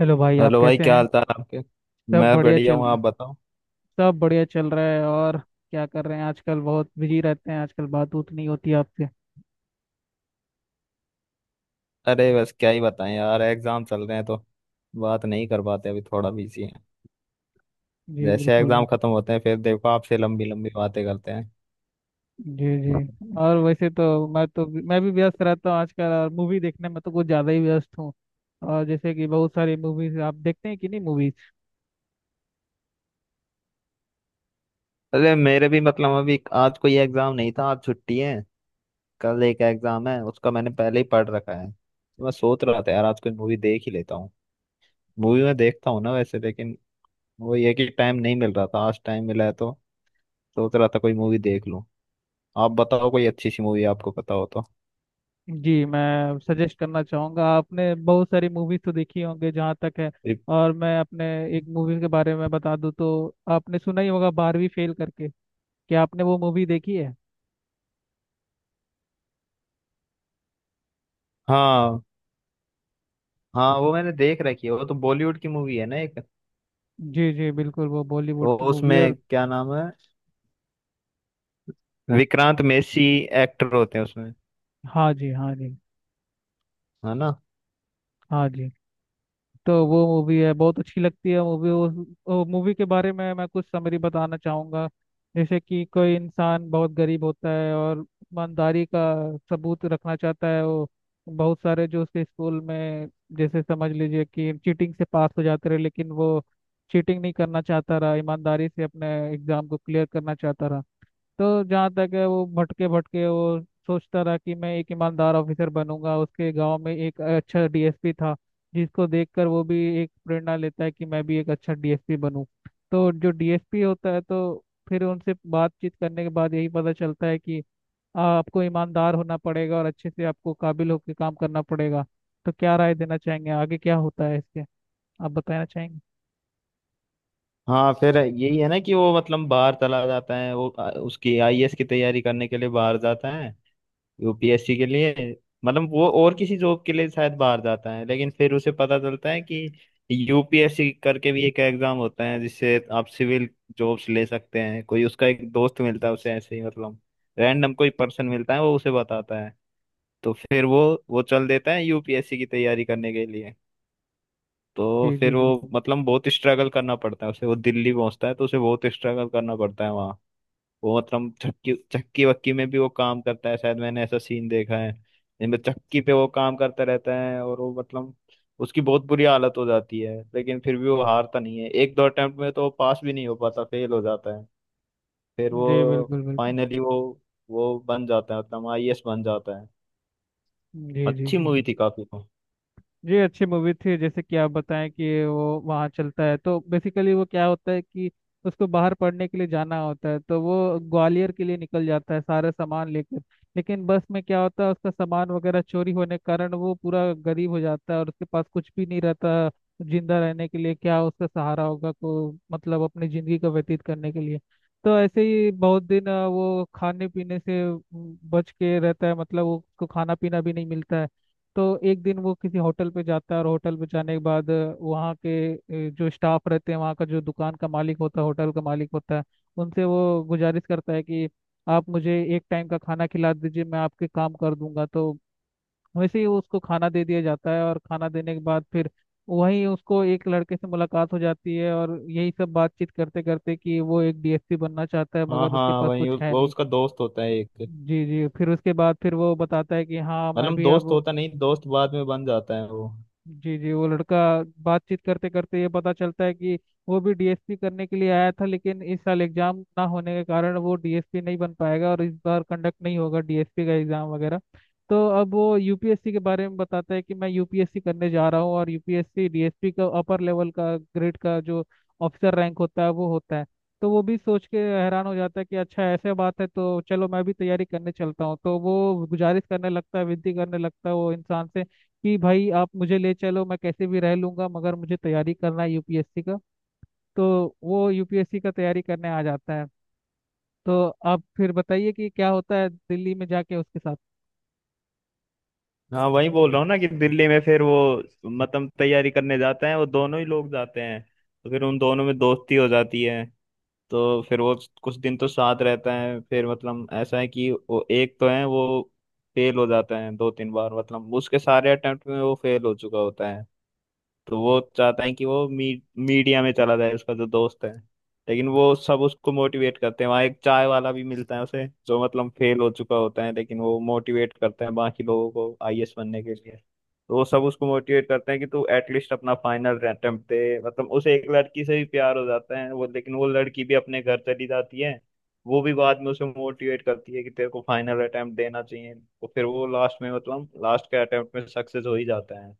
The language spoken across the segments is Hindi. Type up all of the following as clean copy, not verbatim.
हेलो भाई, आप हेलो भाई कैसे क्या हैं। हाल चाल आपके। सब मैं बढ़िया बढ़िया चल हूँ, रहा आप बताओ। है। सब बढ़िया चल रहा है। और क्या कर रहे हैं आजकल, बहुत बिजी रहते हैं आजकल, बात उत नहीं होती आपसे। अरे बस क्या ही बताएं यार, एग्जाम चल रहे हैं तो बात नहीं कर पाते, अभी थोड़ा बिजी हैं। जी जैसे बिल्कुल एग्जाम बिल्कुल। खत्म होते हैं फिर देखो, आपसे लंबी लंबी बातें करते हैं। जी जी। और वैसे तो मैं भी व्यस्त रहता हूँ आजकल, और मूवी देखने में तो कुछ ज़्यादा ही व्यस्त हूँ। और जैसे कि बहुत सारी मूवीज आप देखते हैं कि नहीं, मूवीज। अरे मेरे भी मतलब अभी आज कोई एग्जाम नहीं था, आज छुट्टी है। कल एक एग्जाम है उसका मैंने पहले ही पढ़ रखा है, तो मैं सोच रहा था यार आज कोई मूवी देख ही लेता हूँ। मूवी मैं देखता हूँ ना वैसे, लेकिन वो ये कि टाइम नहीं मिल रहा था, आज टाइम मिला है तो सोच रहा था कोई मूवी देख लूँ। आप बताओ कोई अच्छी सी मूवी आपको पता हो तो। जी, मैं सजेस्ट करना चाहूँगा। आपने बहुत सारी मूवीज तो देखी होंगे जहाँ तक है। रिप- और मैं अपने एक मूवी के बारे में बता दूँ, तो आपने सुना ही होगा बारहवीं फेल करके, क्या आपने वो मूवी देखी है। हाँ हाँ, वो मैंने देख रखी है, वो तो बॉलीवुड की मूवी है ना एक। जी जी बिल्कुल, वो बॉलीवुड वो की मूवी है। और उसमें क्या नाम है, विक्रांत मेसी एक्टर होते हैं उसमें, हाँ जी, हाँ जी। है ना? हाँ जी। तो वो मूवी है, बहुत अच्छी लगती है मूवी। वो मूवी के बारे में मैं कुछ समरी बताना चाहूँगा। जैसे कि कोई इंसान बहुत गरीब होता है और ईमानदारी का सबूत रखना चाहता है। वो बहुत सारे जो उसके स्कूल में, जैसे समझ लीजिए कि चीटिंग से पास हो जाते रहे, लेकिन वो चीटिंग नहीं करना चाहता रहा, ईमानदारी से अपने एग्जाम को क्लियर करना चाहता रहा। तो जहाँ तक है, वो भटके भटके, वो सोचता रहा कि मैं एक ईमानदार ऑफिसर बनूंगा। उसके गांव में एक अच्छा डीएसपी था, जिसको देखकर वो भी एक प्रेरणा लेता है कि मैं भी एक अच्छा डीएसपी बनूं। तो जो डीएसपी होता है, तो फिर उनसे बातचीत करने के बाद यही पता चलता है कि आपको ईमानदार होना पड़ेगा और अच्छे से आपको काबिल होकर काम करना पड़ेगा। तो क्या राय देना चाहेंगे, आगे क्या होता है इसके, आप बताना चाहेंगे। हाँ फिर यही है ना कि वो मतलब बाहर चला जाता है, वो उसकी आईएएस की तैयारी करने के लिए बाहर जाता है, यूपीएससी के लिए। मतलब वो और किसी जॉब के लिए शायद बाहर जाता है, लेकिन फिर उसे पता चलता है कि यूपीएससी करके भी एक एग्जाम होता है जिससे आप सिविल जॉब्स ले सकते हैं। कोई उसका एक दोस्त मिलता है उसे, ऐसे ही मतलब रैंडम कोई पर्सन मिलता है, वो उसे बताता है। तो फिर वो चल देता है यूपीएससी की तैयारी करने के लिए। तो जी जी फिर वो बिल्कुल। मतलब बहुत स्ट्रगल करना पड़ता है उसे, वो दिल्ली पहुंचता है तो उसे बहुत स्ट्रगल करना पड़ता है। वो मतलब चक्की चक्की वक्की में भी वो काम करता है, शायद मैंने ऐसा सीन देखा है जिनमें चक्की पे वो काम करता रहता है। और वो मतलब उसकी बहुत बुरी हालत हो जाती है, लेकिन फिर भी वो हारता नहीं है। एक दो अटेम्प्ट में तो वो पास भी नहीं हो पाता, फेल हो जाता है। फिर जी वो बिल्कुल बिल्कुल। फाइनली वो बन जाता है, मतलब आईएएस बन जाता है। जी जी अच्छी जी। मूवी थी काफी, तो। ये अच्छी मूवी थी। जैसे कि आप बताएं कि वो वहाँ चलता है, तो बेसिकली वो क्या होता है कि उसको बाहर पढ़ने के लिए जाना होता है, तो वो ग्वालियर के लिए निकल जाता है सारा सामान लेकर। लेकिन बस में क्या होता है, उसका सामान वगैरह चोरी होने के कारण वो पूरा गरीब हो जाता है और उसके पास कुछ भी नहीं रहता जिंदा रहने के लिए। क्या उसका सहारा होगा को, मतलब अपनी जिंदगी का व्यतीत करने के लिए। तो ऐसे ही बहुत दिन वो खाने पीने से बच के रहता है, मतलब उसको खाना पीना भी नहीं मिलता है। तो एक दिन वो किसी होटल पे जाता है, और होटल पे जाने के बाद वहाँ के जो स्टाफ रहते हैं, वहाँ का जो दुकान का मालिक होता है, होटल का मालिक होता है, उनसे वो गुजारिश करता है कि आप मुझे एक टाइम का खाना खिला दीजिए, मैं आपके काम कर दूंगा। तो वैसे ही उसको खाना दे दिया जाता है, और खाना देने के बाद फिर वहीं उसको एक लड़के से मुलाकात हो जाती है, और यही सब बातचीत करते करते कि वो एक डीएसपी बनना चाहता है हाँ मगर उसके हाँ, पास वही कुछ है वो नहीं। उसका दोस्त होता है एक। जी जी। फिर उसके बाद फिर वो बताता है कि हाँ मैं मतलब भी दोस्त अब। होता नहीं, दोस्त बाद में बन जाता है वो। जी जी। वो लड़का, बातचीत करते करते ये पता चलता है कि वो भी डीएसपी करने के लिए आया था, लेकिन इस साल एग्जाम ना होने के कारण वो डीएसपी नहीं बन पाएगा और इस बार कंडक्ट नहीं होगा डीएसपी का एग्जाम वगैरह। तो अब वो यूपीएससी के बारे में बताता है कि मैं यूपीएससी करने जा रहा हूँ, और यूपीएससी डीएसपी का अपर लेवल का ग्रेड का जो ऑफिसर रैंक होता है, वो होता है। तो वो भी सोच के हैरान हो जाता है कि अच्छा ऐसे बात है, तो चलो मैं भी तैयारी करने चलता हूँ। तो वो गुजारिश करने लगता है, विनती करने लगता है वो इंसान से, कि भाई आप मुझे ले चलो, मैं कैसे भी रह लूंगा मगर मुझे तैयारी करना है यूपीएससी का। तो वो यूपीएससी का तैयारी करने आ जाता है। तो आप फिर बताइए कि क्या होता है दिल्ली में जाके उसके साथ। हाँ वही बोल रहा हूँ ना कि दिल्ली में फिर वो मतलब तैयारी करने जाते हैं, वो दोनों ही लोग जाते हैं। तो फिर उन दोनों में दोस्ती हो जाती है। तो फिर वो कुछ दिन तो साथ रहते हैं, फिर मतलब ऐसा है कि वो एक तो है, वो फेल हो जाता है दो तीन बार, मतलब उसके सारे अटेम्प्ट में वो फेल हो चुका होता है। तो वो चाहता है कि वो मीडिया में चला जाए, उसका जो दोस्त है। लेकिन वो सब उसको मोटिवेट करते हैं, वहाँ एक चाय वाला भी मिलता है उसे जो मतलब फेल हो चुका होता है, लेकिन वो मोटिवेट करते हैं बाकी लोगों को आईएएस बनने के लिए। तो वो सब उसको मोटिवेट करते हैं कि तू एटलीस्ट अपना फाइनल अटेम्प्ट दे, मतलब उसे एक लड़की से भी प्यार हो जाता है वो, लेकिन वो लड़की भी अपने घर चली जाती है। वो भी बाद में उसे मोटिवेट करती है कि तेरे को फाइनल अटेम्प्ट देना चाहिए, तो फिर वो लास्ट में, मतलब लास्ट के अटेम्प्ट में, सक्सेस हो ही जाता है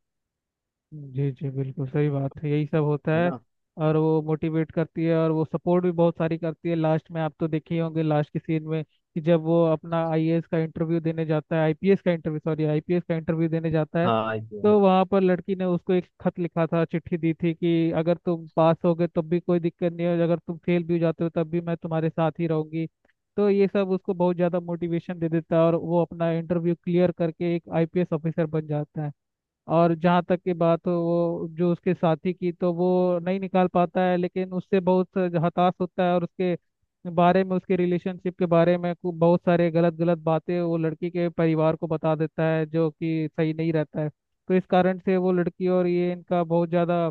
जी जी बिल्कुल सही बात है, यही सब होता है है। ना? और वो मोटिवेट करती है, और वो सपोर्ट भी बहुत सारी करती है लास्ट में। आप तो देखे ही होंगे लास्ट के सीन में कि जब वो अपना आईएएस का इंटरव्यू देने जाता है, आईपीएस का इंटरव्यू, सॉरी आईपीएस का इंटरव्यू देने जाता है, हाँ, ये। तो वहां पर लड़की ने उसको एक खत लिखा था, चिट्ठी दी थी कि अगर तुम पास हो गए तब भी कोई दिक्कत नहीं है, अगर तुम फेल भी हो जाते हो तब भी मैं तुम्हारे साथ ही रहूंगी। तो ये सब उसको बहुत ज्यादा मोटिवेशन दे देता है, और वो अपना इंटरव्यू क्लियर करके एक आईपीएस ऑफिसर बन जाता है। और जहाँ तक की बात हो वो जो उसके साथी की, तो वो नहीं निकाल पाता है, लेकिन उससे बहुत हताश होता है और उसके बारे में, उसके रिलेशनशिप के बारे में बहुत सारे गलत गलत बातें वो लड़की के परिवार को बता देता है, जो कि सही नहीं रहता है। तो इस कारण से वो लड़की और ये, इनका बहुत ज़्यादा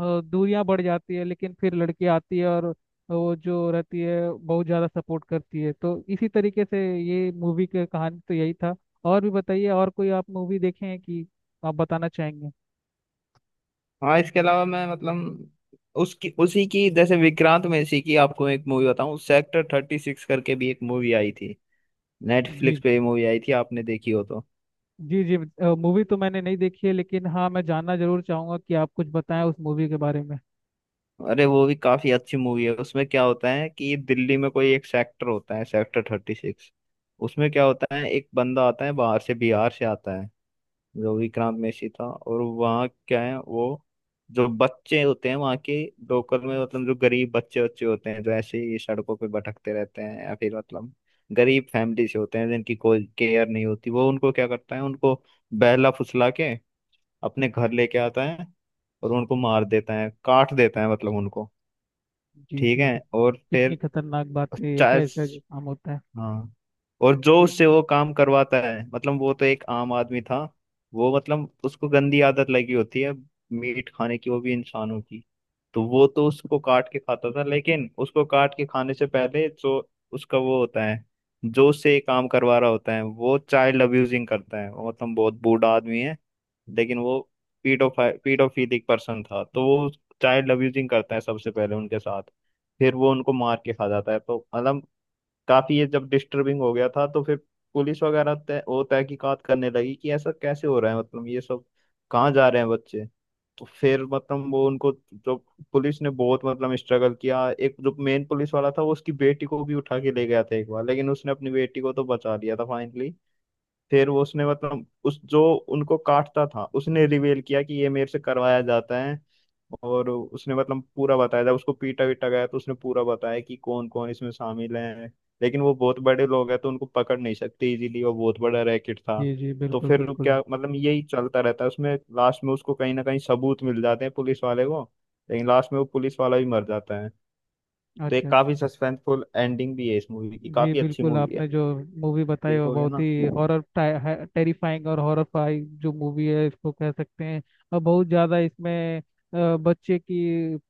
दूरियां बढ़ जाती है। लेकिन फिर लड़की आती है, और वो जो रहती है, बहुत ज़्यादा सपोर्ट करती है। तो इसी तरीके से ये मूवी की कहानी, तो यही था। और भी बताइए, और कोई आप मूवी देखे हैं कि, आप बताना चाहेंगे। हाँ, इसके अलावा मैं मतलब उसकी, उसी की, जैसे विक्रांत में इसी की आपको एक मूवी बताऊं, सेक्टर 36 करके भी एक मूवी आई थी। नेटफ्लिक्स जी पे ये मूवी आई थी, आपने देखी हो तो। जी जी। मूवी तो मैंने नहीं देखी है, लेकिन हाँ मैं जानना जरूर चाहूंगा कि आप कुछ बताएं उस मूवी के बारे में। अरे वो भी काफी अच्छी मूवी है, उसमें क्या होता है कि दिल्ली में कोई एक सेक्टर होता है, सेक्टर 36। उसमें क्या होता है, एक बंदा आता है बाहर से, बिहार से आता है, जो विक्रांत मैसी था। और वहाँ क्या है वो, जो बच्चे होते हैं वहाँ के लोकल में, मतलब जो गरीब बच्चे बच्चे होते हैं जो ऐसे ही सड़कों पे भटकते रहते हैं या फिर मतलब गरीब फैमिली से होते हैं, जिनकी कोई केयर नहीं होती, वो उनको क्या करता है, उनको बहला फुसला के अपने घर लेके आता है। और उनको मार देता है, काट देता है, मतलब उनको। जी ठीक जी है, जी। और कितनी फिर। खतरनाक बात है, ऐसा ऐसा काम होता है। हाँ, और जो जी उससे वो काम करवाता है, मतलब वो तो एक आम आदमी था। वो मतलब उसको गंदी आदत लगी होती है, मीट खाने की, वो भी इंसानों की। तो वो तो उसको काट के खाता था, लेकिन उसको काट के खाने से पहले जो उसका वो होता है, जो उससे ये काम करवा रहा होता है, वो चाइल्ड अब्यूजिंग करता है। वो मतलब बहुत बूढ़ा आदमी है, लेकिन वो पीडोफाइ पीडोफिलिक पर्सन था। तो वो चाइल्ड अब्यूजिंग करता है सबसे पहले उनके साथ, फिर वो उनको मार के खा जाता है। तो मतलब काफी ये जब डिस्टर्बिंग हो गया था, तो फिर पुलिस वगैरह तय वो तहकीकात करने लगी कि ऐसा कैसे हो रहा है, मतलब ये सब कहाँ जा रहे हैं बच्चे। तो फिर मतलब वो उनको जो, पुलिस ने बहुत मतलब स्ट्रगल किया। एक जो मेन पुलिस वाला था, वो उसकी बेटी को भी उठा के ले गया था एक बार, लेकिन उसने अपनी बेटी को तो बचा लिया था फाइनली। फिर वो उसने मतलब उस जो उनको काटता था, उसने रिवेल किया कि ये मेरे से करवाया जाता है। और उसने मतलब पूरा बताया था, उसको पीटा वीटा गया तो उसने पूरा बताया कि कौन कौन इसमें शामिल है। लेकिन वो बहुत बड़े लोग हैं, तो उनको पकड़ नहीं सकते इजीली, वो बहुत बड़ा रैकेट था। जी जी तो बिल्कुल फिर वो बिल्कुल। क्या, मतलब यही चलता रहता है उसमें, लास्ट में उसको कहीं ना कहीं सबूत मिल जाते हैं पुलिस वाले को। लेकिन लास्ट में वो पुलिस वाला भी मर जाता है। अच्छा तो एक अच्छा। काफी सस्पेंसफुल एंडिंग भी है इस मूवी की, जी काफी अच्छी बिल्कुल, मूवी है, आपने जो मूवी बताई वो देखोगे बहुत ना? ही हॉरर, टेरिफाइंग और हॉरर जो मूवी है, इसको कह सकते हैं। और बहुत ज़्यादा इसमें बच्चे की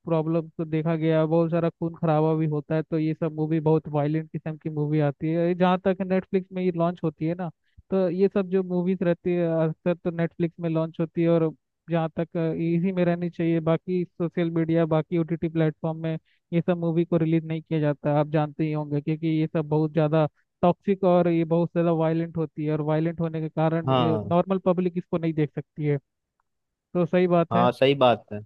प्रॉब्लम को देखा गया, बहुत सारा खून खराबा भी होता है। तो ये सब मूवी बहुत वायलेंट किस्म की मूवी आती है, जहाँ तक नेटफ्लिक्स में ये लॉन्च होती है ना। तो ये सब जो मूवीज रहती है अक्सर तो नेटफ्लिक्स में लॉन्च होती है, और जहाँ तक इसी में रहनी चाहिए। बाकी सोशल मीडिया, बाकी ओटीटी प्लेटफॉर्म में ये सब मूवी को रिलीज नहीं किया जाता, आप जानते ही होंगे, क्योंकि ये सब बहुत ज़्यादा टॉक्सिक और ये बहुत ज़्यादा वायलेंट होती है, और वायलेंट होने के कारण हाँ। नॉर्मल पब्लिक इसको नहीं देख सकती है। तो सही बात है। हाँ, सही बात है।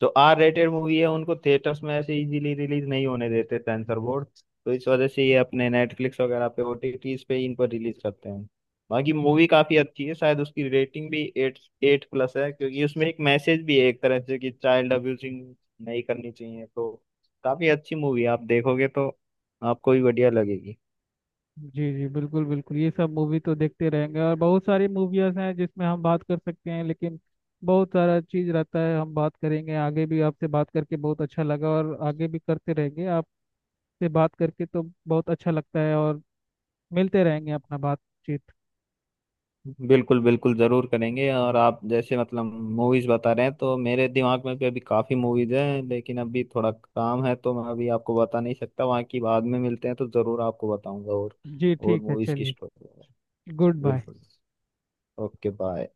जो आर रेटेड मूवी है उनको थिएटर्स में ऐसे इजीली रिलीज नहीं होने देते सेंसर बोर्ड। तो इस वजह से ये अपने नेटफ्लिक्स वगैरह पे, ओटीटीज पे, इनको रिलीज करते हैं। बाकी मूवी काफी अच्छी है, शायद उसकी रेटिंग भी एट एट प्लस है, क्योंकि उसमें एक मैसेज भी है एक तरह से कि चाइल्ड अब्यूजिंग नहीं करनी चाहिए। तो काफी अच्छी मूवी है, आप देखोगे तो आपको भी बढ़िया लगेगी। जी जी बिल्कुल बिल्कुल, ये सब मूवी तो देखते रहेंगे, और बहुत सारी मूवीज हैं जिसमें हम बात कर सकते हैं, लेकिन बहुत सारा चीज़ रहता है। हम बात करेंगे आगे भी, आपसे बात करके बहुत अच्छा लगा और आगे भी करते रहेंगे। आपसे बात करके तो बहुत अच्छा लगता है, और मिलते रहेंगे अपना बातचीत। बिल्कुल बिल्कुल, जरूर करेंगे। और आप जैसे मतलब मूवीज बता रहे हैं, तो मेरे दिमाग में भी अभी काफी मूवीज हैं, लेकिन अभी थोड़ा काम है तो मैं अभी आपको बता नहीं सकता, वहाँ की बाद में मिलते हैं तो जरूर आपको बताऊंगा। और जी ठीक है, मूवीज की चलिए। स्टोरी। Goodbye. बिल्कुल। Okay, bye.